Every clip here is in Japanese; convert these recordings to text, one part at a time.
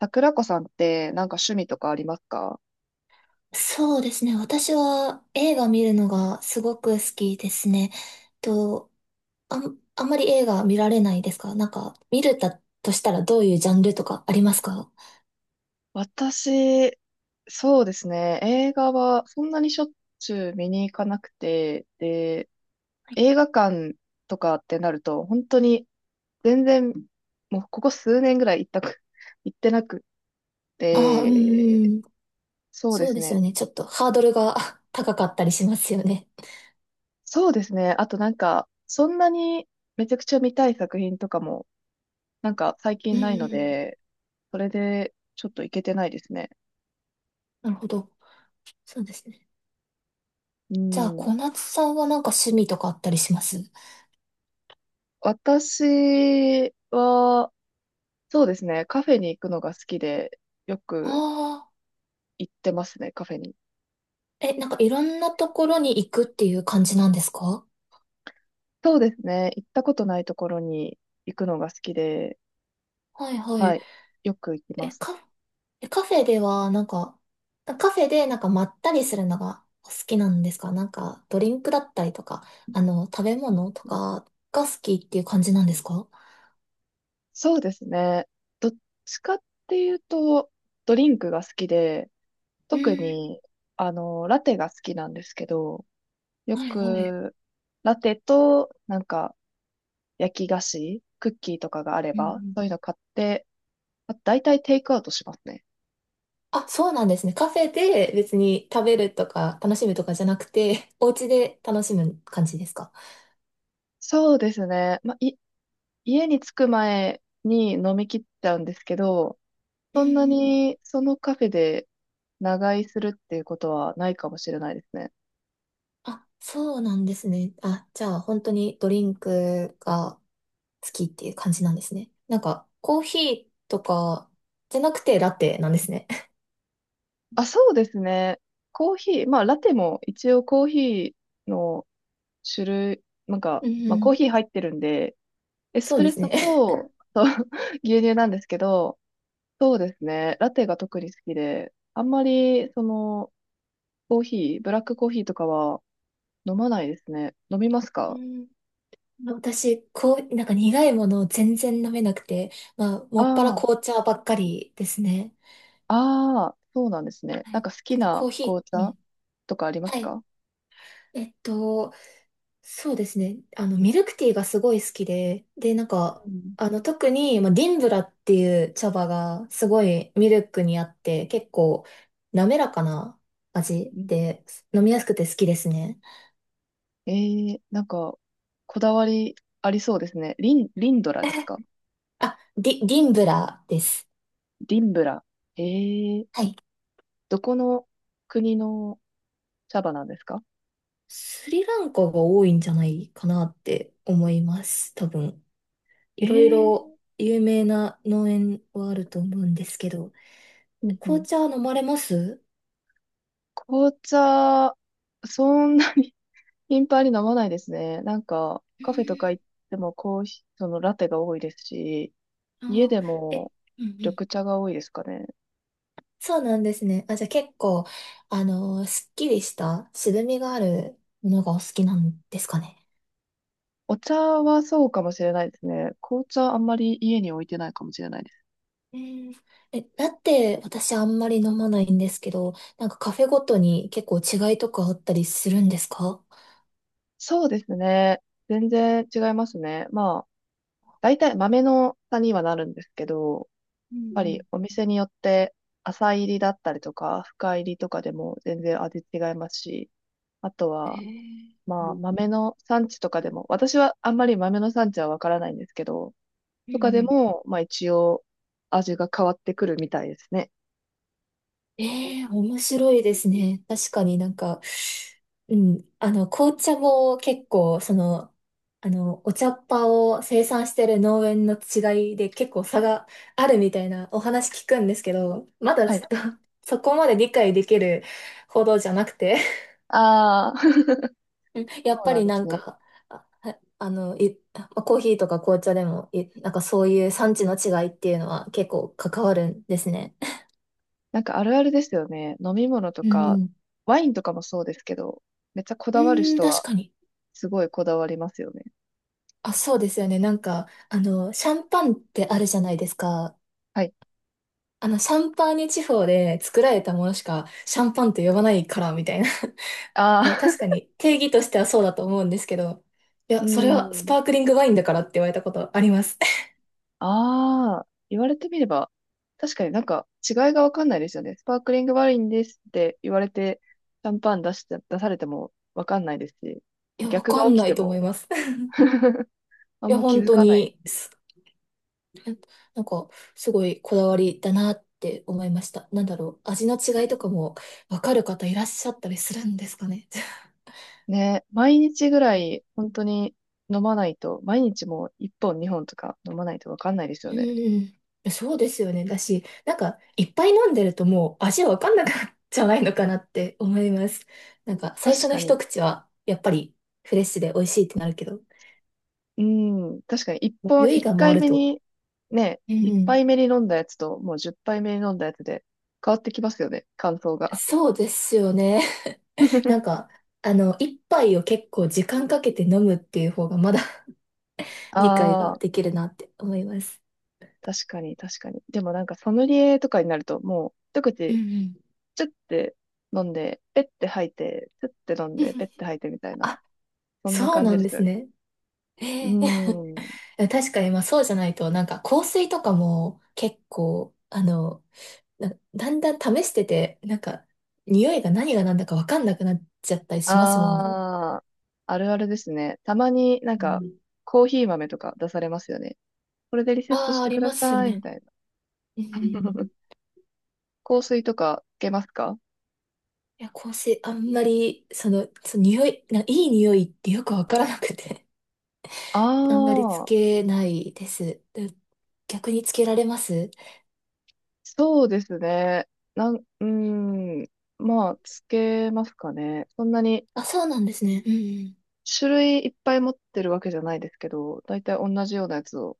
桜子さんってなんか趣味とかありますか？そうですね。私は映画見るのがすごく好きですね。と、あんまり映画見られないですか？なんか、見れたとしたらどういうジャンルとかありますか？私、そうですね。映画はそんなにしょっちゅう見に行かなくて、で、映画館とかってなると、本当に全然、もうここ数年ぐらい行ったく、行ってなくああ、うん、て、うん、そうでそうすですね。よね。ちょっとハードルが 高かったりしますよね。そうですね。あとなんか、そんなにめちゃくちゃ見たい作品とかも、なんか最うん近うないのん、で、それでちょっと行けてないですね。なるほど。そうですね。うじゃあ、ん。小夏さんはなんか趣味とかあったりします？私は、そうですね、カフェに行くのが好きで、よくああ行ってますね、カフェに。ー、え、なんかいろんなところに行くっていう感じなんですか？そうですね、行ったことないところに行くのが好きで、はいははい。い、よく行きまえ、す。カ、えカフェでは、なんか、カフェでなんかまったりするのがお好きなんですか？なんか、ドリンクだったりとか、食べ物とかが好きっていう感じなんですか？そうですね、どっちかっていうと、ドリンクが好きで、う特ーん、に、ラテが好きなんですけど、よはいはい。く、ラテと、なんか、焼き菓子、クッキーとかがあれうんうば、ん。そういうの買って、あ大体テイクアウトしますね。あ、そうなんですね。カフェで別に食べるとか楽しむとかじゃなくて、お家で楽しむ感じですか？そうですね。まあ、家に着く前に飲み切っちゃうんですけど、うんそんなうん。にそのカフェで長居するっていうことはないかもしれないですね。あ、そうなんですね。あ、じゃあ本当にドリンクが好きっていう感じなんですね。なんか、コーヒーとかじゃなくてラテなんですね。あ、そうですね。コーヒー、まあラテも一応コーヒーの種類、なんか、うまあコーん、ヒー入ってるんで、エスそうプでレッすソね。と、そう 牛乳なんですけど、そうですね。ラテが特に好きで、あんまりそのコーヒー、ブラックコーヒーとかは飲まないですね。飲みますうか？ん。私、こう、なんか苦いものを全然飲めなくて、まあ、もっぱらあ紅茶ばっかりですね。あ、ああ、そうなんですね。はない。んか好ちょきっとコなーヒ紅ー、う茶ん。とかありますはい。か？えっと、そうですね。ミルクティーがすごい好きで、で、なんか、うん。特に、まあ、ディンブラっていう茶葉がすごいミルクにあって、結構滑らかな味うん、で、飲みやすくて好きですね。ええ、なんか、こだわりありそうですね。リンドラですか？ディンブラです。リンブラ。ええ、はい。どこの国の茶葉なんですか？スリランカが多いんじゃないかなって思います。多分。いえろいろえ、有名な農園はあると思うんですけど。うんう紅ん。茶飲まれます？紅茶、そんなに 頻繁に飲まないですね。なんか、うカフェとかん、行ってもコーヒー、そのラテが多いですし、家あでー、え、もうんうん。緑茶が多いですかね。そうなんですね。あ、じゃあ結構、あのーすっきりした、渋みがあるものがお好きなんですかね。お茶はそうかもしれないですね。紅茶あんまり家に置いてないかもしれないです。うん、え、だって私あんまり飲まないんですけど、なんかカフェごとに結構違いとかあったりするんですか？そうですね。全然違いますね。まあ、大体豆の差にはなるんですけど、やっうぱりんお店によって浅入りだったりとか、深入りとかでも全然味違いますし、あとうん。へは、え。うまあ、ん豆の産地とかでも、私はあんまり豆の産地はわからないんですけど、うとかでん。も、まあ一応味が変わってくるみたいですね。ええ、面白いですね。確かになんか、うん、紅茶も結構、その、お茶っ葉を生産してる農園の違いで結構差があるみたいなお話聞くんですけど、まだはちい。ょっと そこまで理解できるほどじゃなくて。ああ、そうん、やっうぱなんりでなすんね。か、あ、はあの、い、まあコーヒーとか紅茶でも、なんかそういう産地の違いっていうのは結構関わるんですね。なんかあるあるですよね。飲み物とうか、ん、ワインとかもそうですけど、めっちゃこうだわるん、人確はかに。すごいこだわりますよね。あ、そうですよね。なんか、シャンパンってあるじゃないですか。はい。シャンパーニュ地方で作られたものしかシャンパンって呼ばないから、みたいな。いああ、や、確か に定義としてはそうだと思うんですけど、いうや、それはスん。パークリングワインだからって言われたことあります。ああ、言われてみれば、確かになんか違いがわかんないですよね。スパークリングワインですって言われて、シャンパン出して、出されてもわかんないですし、いや、わ逆かがん起きなていと思も います。あいんや、ま気本づ当かない。に、す なんか、すごいこだわりだなって思いました。なんだろう、味の違いとかもわかる方いらっしゃったりするんですかね。ね、毎日ぐら い本当に飲まないと、毎日もう1本2本とか飲まないとわかんないですよね。うん。そうですよね。だし、なんか、いっぱい飲んでるともう味わかんなくなっちゃわないのかなって思います。なんか、最確初のか一に。口は、やっぱりフレッシュで美味しいってなるけど、うん。確かに、もう酔い一が回回る目と。に、ね、うん一うん。杯目に飲んだやつと、もう10杯目に飲んだやつで、変わってきますよね、感想が。そうですよね。なんか、一杯を結構時間かけて飲むっていう方がまだ 理解あがあ、できるなって思います。確かに、確かに。でもなんか、ソムリエとかになると、もう、一う口、んチュッて飲んで、ペッて吐いて、チュッて飲うん。んで、ペッ て吐いてみたいな、あ、そんなそう感なじんでですよすね。ね。うーえん。ー、確かに、まあそうじゃないと、なんか香水とかも結構、だんだん試してて、なんか、匂いが何が何だかわかんなくなっちゃったりしますもんね。ああ、あるあるですね。たまになんうか、ん、コーヒー豆とか出されますよね。これでリセットあしあ、あてりくだますよさい、みね。たいな。うん。い 香水とかつけますか？や、香水、あんまり、その、その匂い、ないい匂いってよくわからなくて、あ あんまりつあー、けないです。で、逆につけられます？そうですね。うーん。まあ、つけますかね。そんなにあ、そうなんですね。うん。種類いっぱい持ってるわけじゃないですけど、だいたい同じようなやつを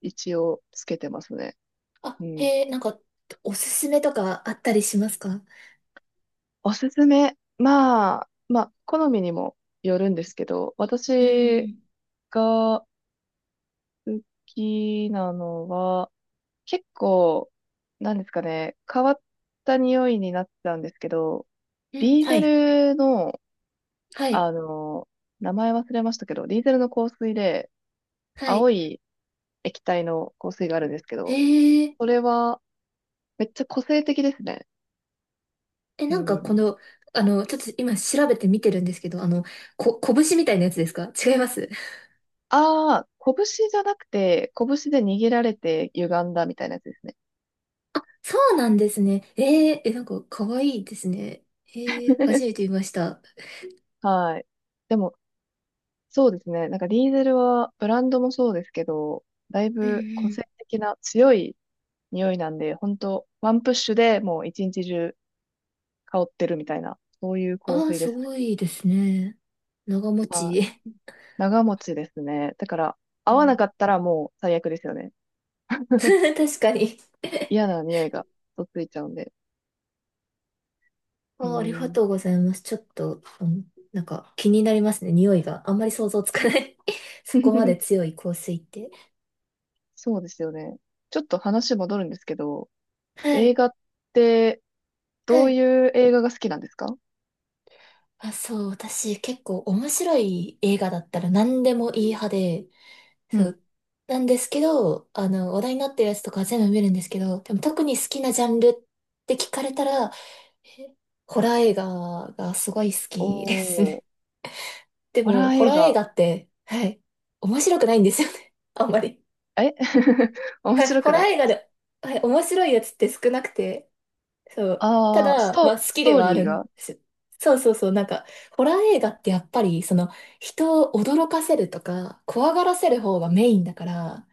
一応つけてますね。あ、うん。へえ、なんか、おすすめとかあったりしますか？おすすめ。まあ、まあ、好みにもよるんですけど、う私ん。が好きなのは、結構、なんですかね、変わった匂いになってたんですけど、うデん、ィーはゼい。ルの、はい。あの、名前忘れましたけど、ディーゼルの香水で、は青い。い液体の香水があるんですけど、えー、それは、めっちゃ個性的ですね。え、うなんかん。この、ちょっと今調べてみてるんですけど、拳みたいなやつですか？違います？ ああ、拳じゃなくて、拳で握られて歪んだみたいなやつですね。そうなんですね。えー、え、なんか可愛いですね。えー、初め て見ました。はい。でも、そうですね。なんかディーゼルは、ブランドもそうですけど、だいうんうぶ個性ん。的な強い匂いなんで、本当ワンプッシュでもう一日中香ってるみたいな、そういう香ああ、水ですすね。ごいですね。長持はち。い。長持ちですね。だから、う合わなん、かったらもう最悪ですよね。確かに。 嫌な匂いがとっついちゃうんで。うああ、ありーがん。とうございます。ちょっと、うん、なんか気になりますね。匂いが。あんまり想像つかない。 そこまで 強い香水って。そうですよね。ちょっと話戻るんですけど、は映い。画ってどはうい。いう映画が好きなんですか？あ、そう、私結構面白い映画だったら何でもいい派で、うそん。う、なんですけど、話題になってるやつとか全部見るんですけど、でも特に好きなジャンルって聞かれたら、えホラー映画がすごい好おきですー、ね。でホラも、ーホ映ラー映画。画って、はい、面白くないんですよね。あんまり。え 面はい、白ホくラーない。映画で、はい、面白いやつって少なくて、そう。たあー、だ、まあ好スきでトーはあリーるんが、ですよ。そうそうそう。なんか、ホラー映画ってやっぱり、その、人を驚かせるとか、怖がらせる方がメインだから、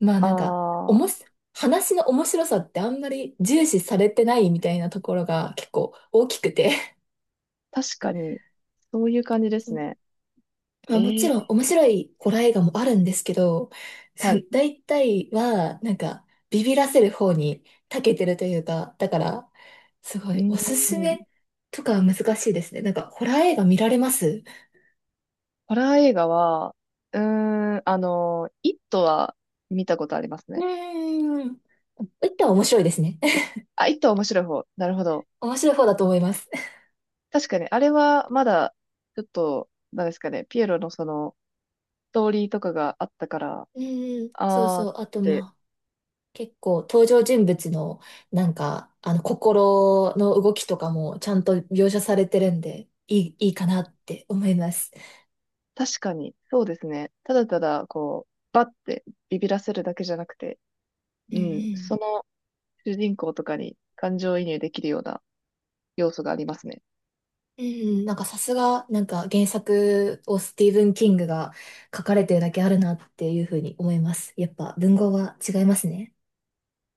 まあなんか、おもあ、し、話の面白さってあんまり重視されてないみたいなところが結構大きくて。確かに、そういう感じです ね。えまあ、もちーろん面白いホラー映画もあるんですけど、はそのい。大体はなんかビビらせる方に長けてるというか、だからすごういーおすすん。めとかは難しいですね。なんかホラー映画見られます？ホラー映画は、うーイットは見たことありますうね。ーん。一旦面白いですね。あ、イットは面白い方。なるほど。面白い方だと思います。確かに、あれはまだ、ちょっと、なんですかね、ピエロのその、ストーリーとかがあったから、うーん、そうあーそっう。あとて、まあ、結構登場人物の心の動きとかもちゃんと描写されてるんで、いいかなって思います。確かに、そうですね。ただただ、こう、バッてビビらせるだけじゃなくて、うんううん、そん。の主人公とかに感情移入できるような要素がありますね。うん、なんかさすが、なんか原作をスティーブン・キングが書かれてるだけあるなっていうふうに思います。やっぱ文豪は違いますね。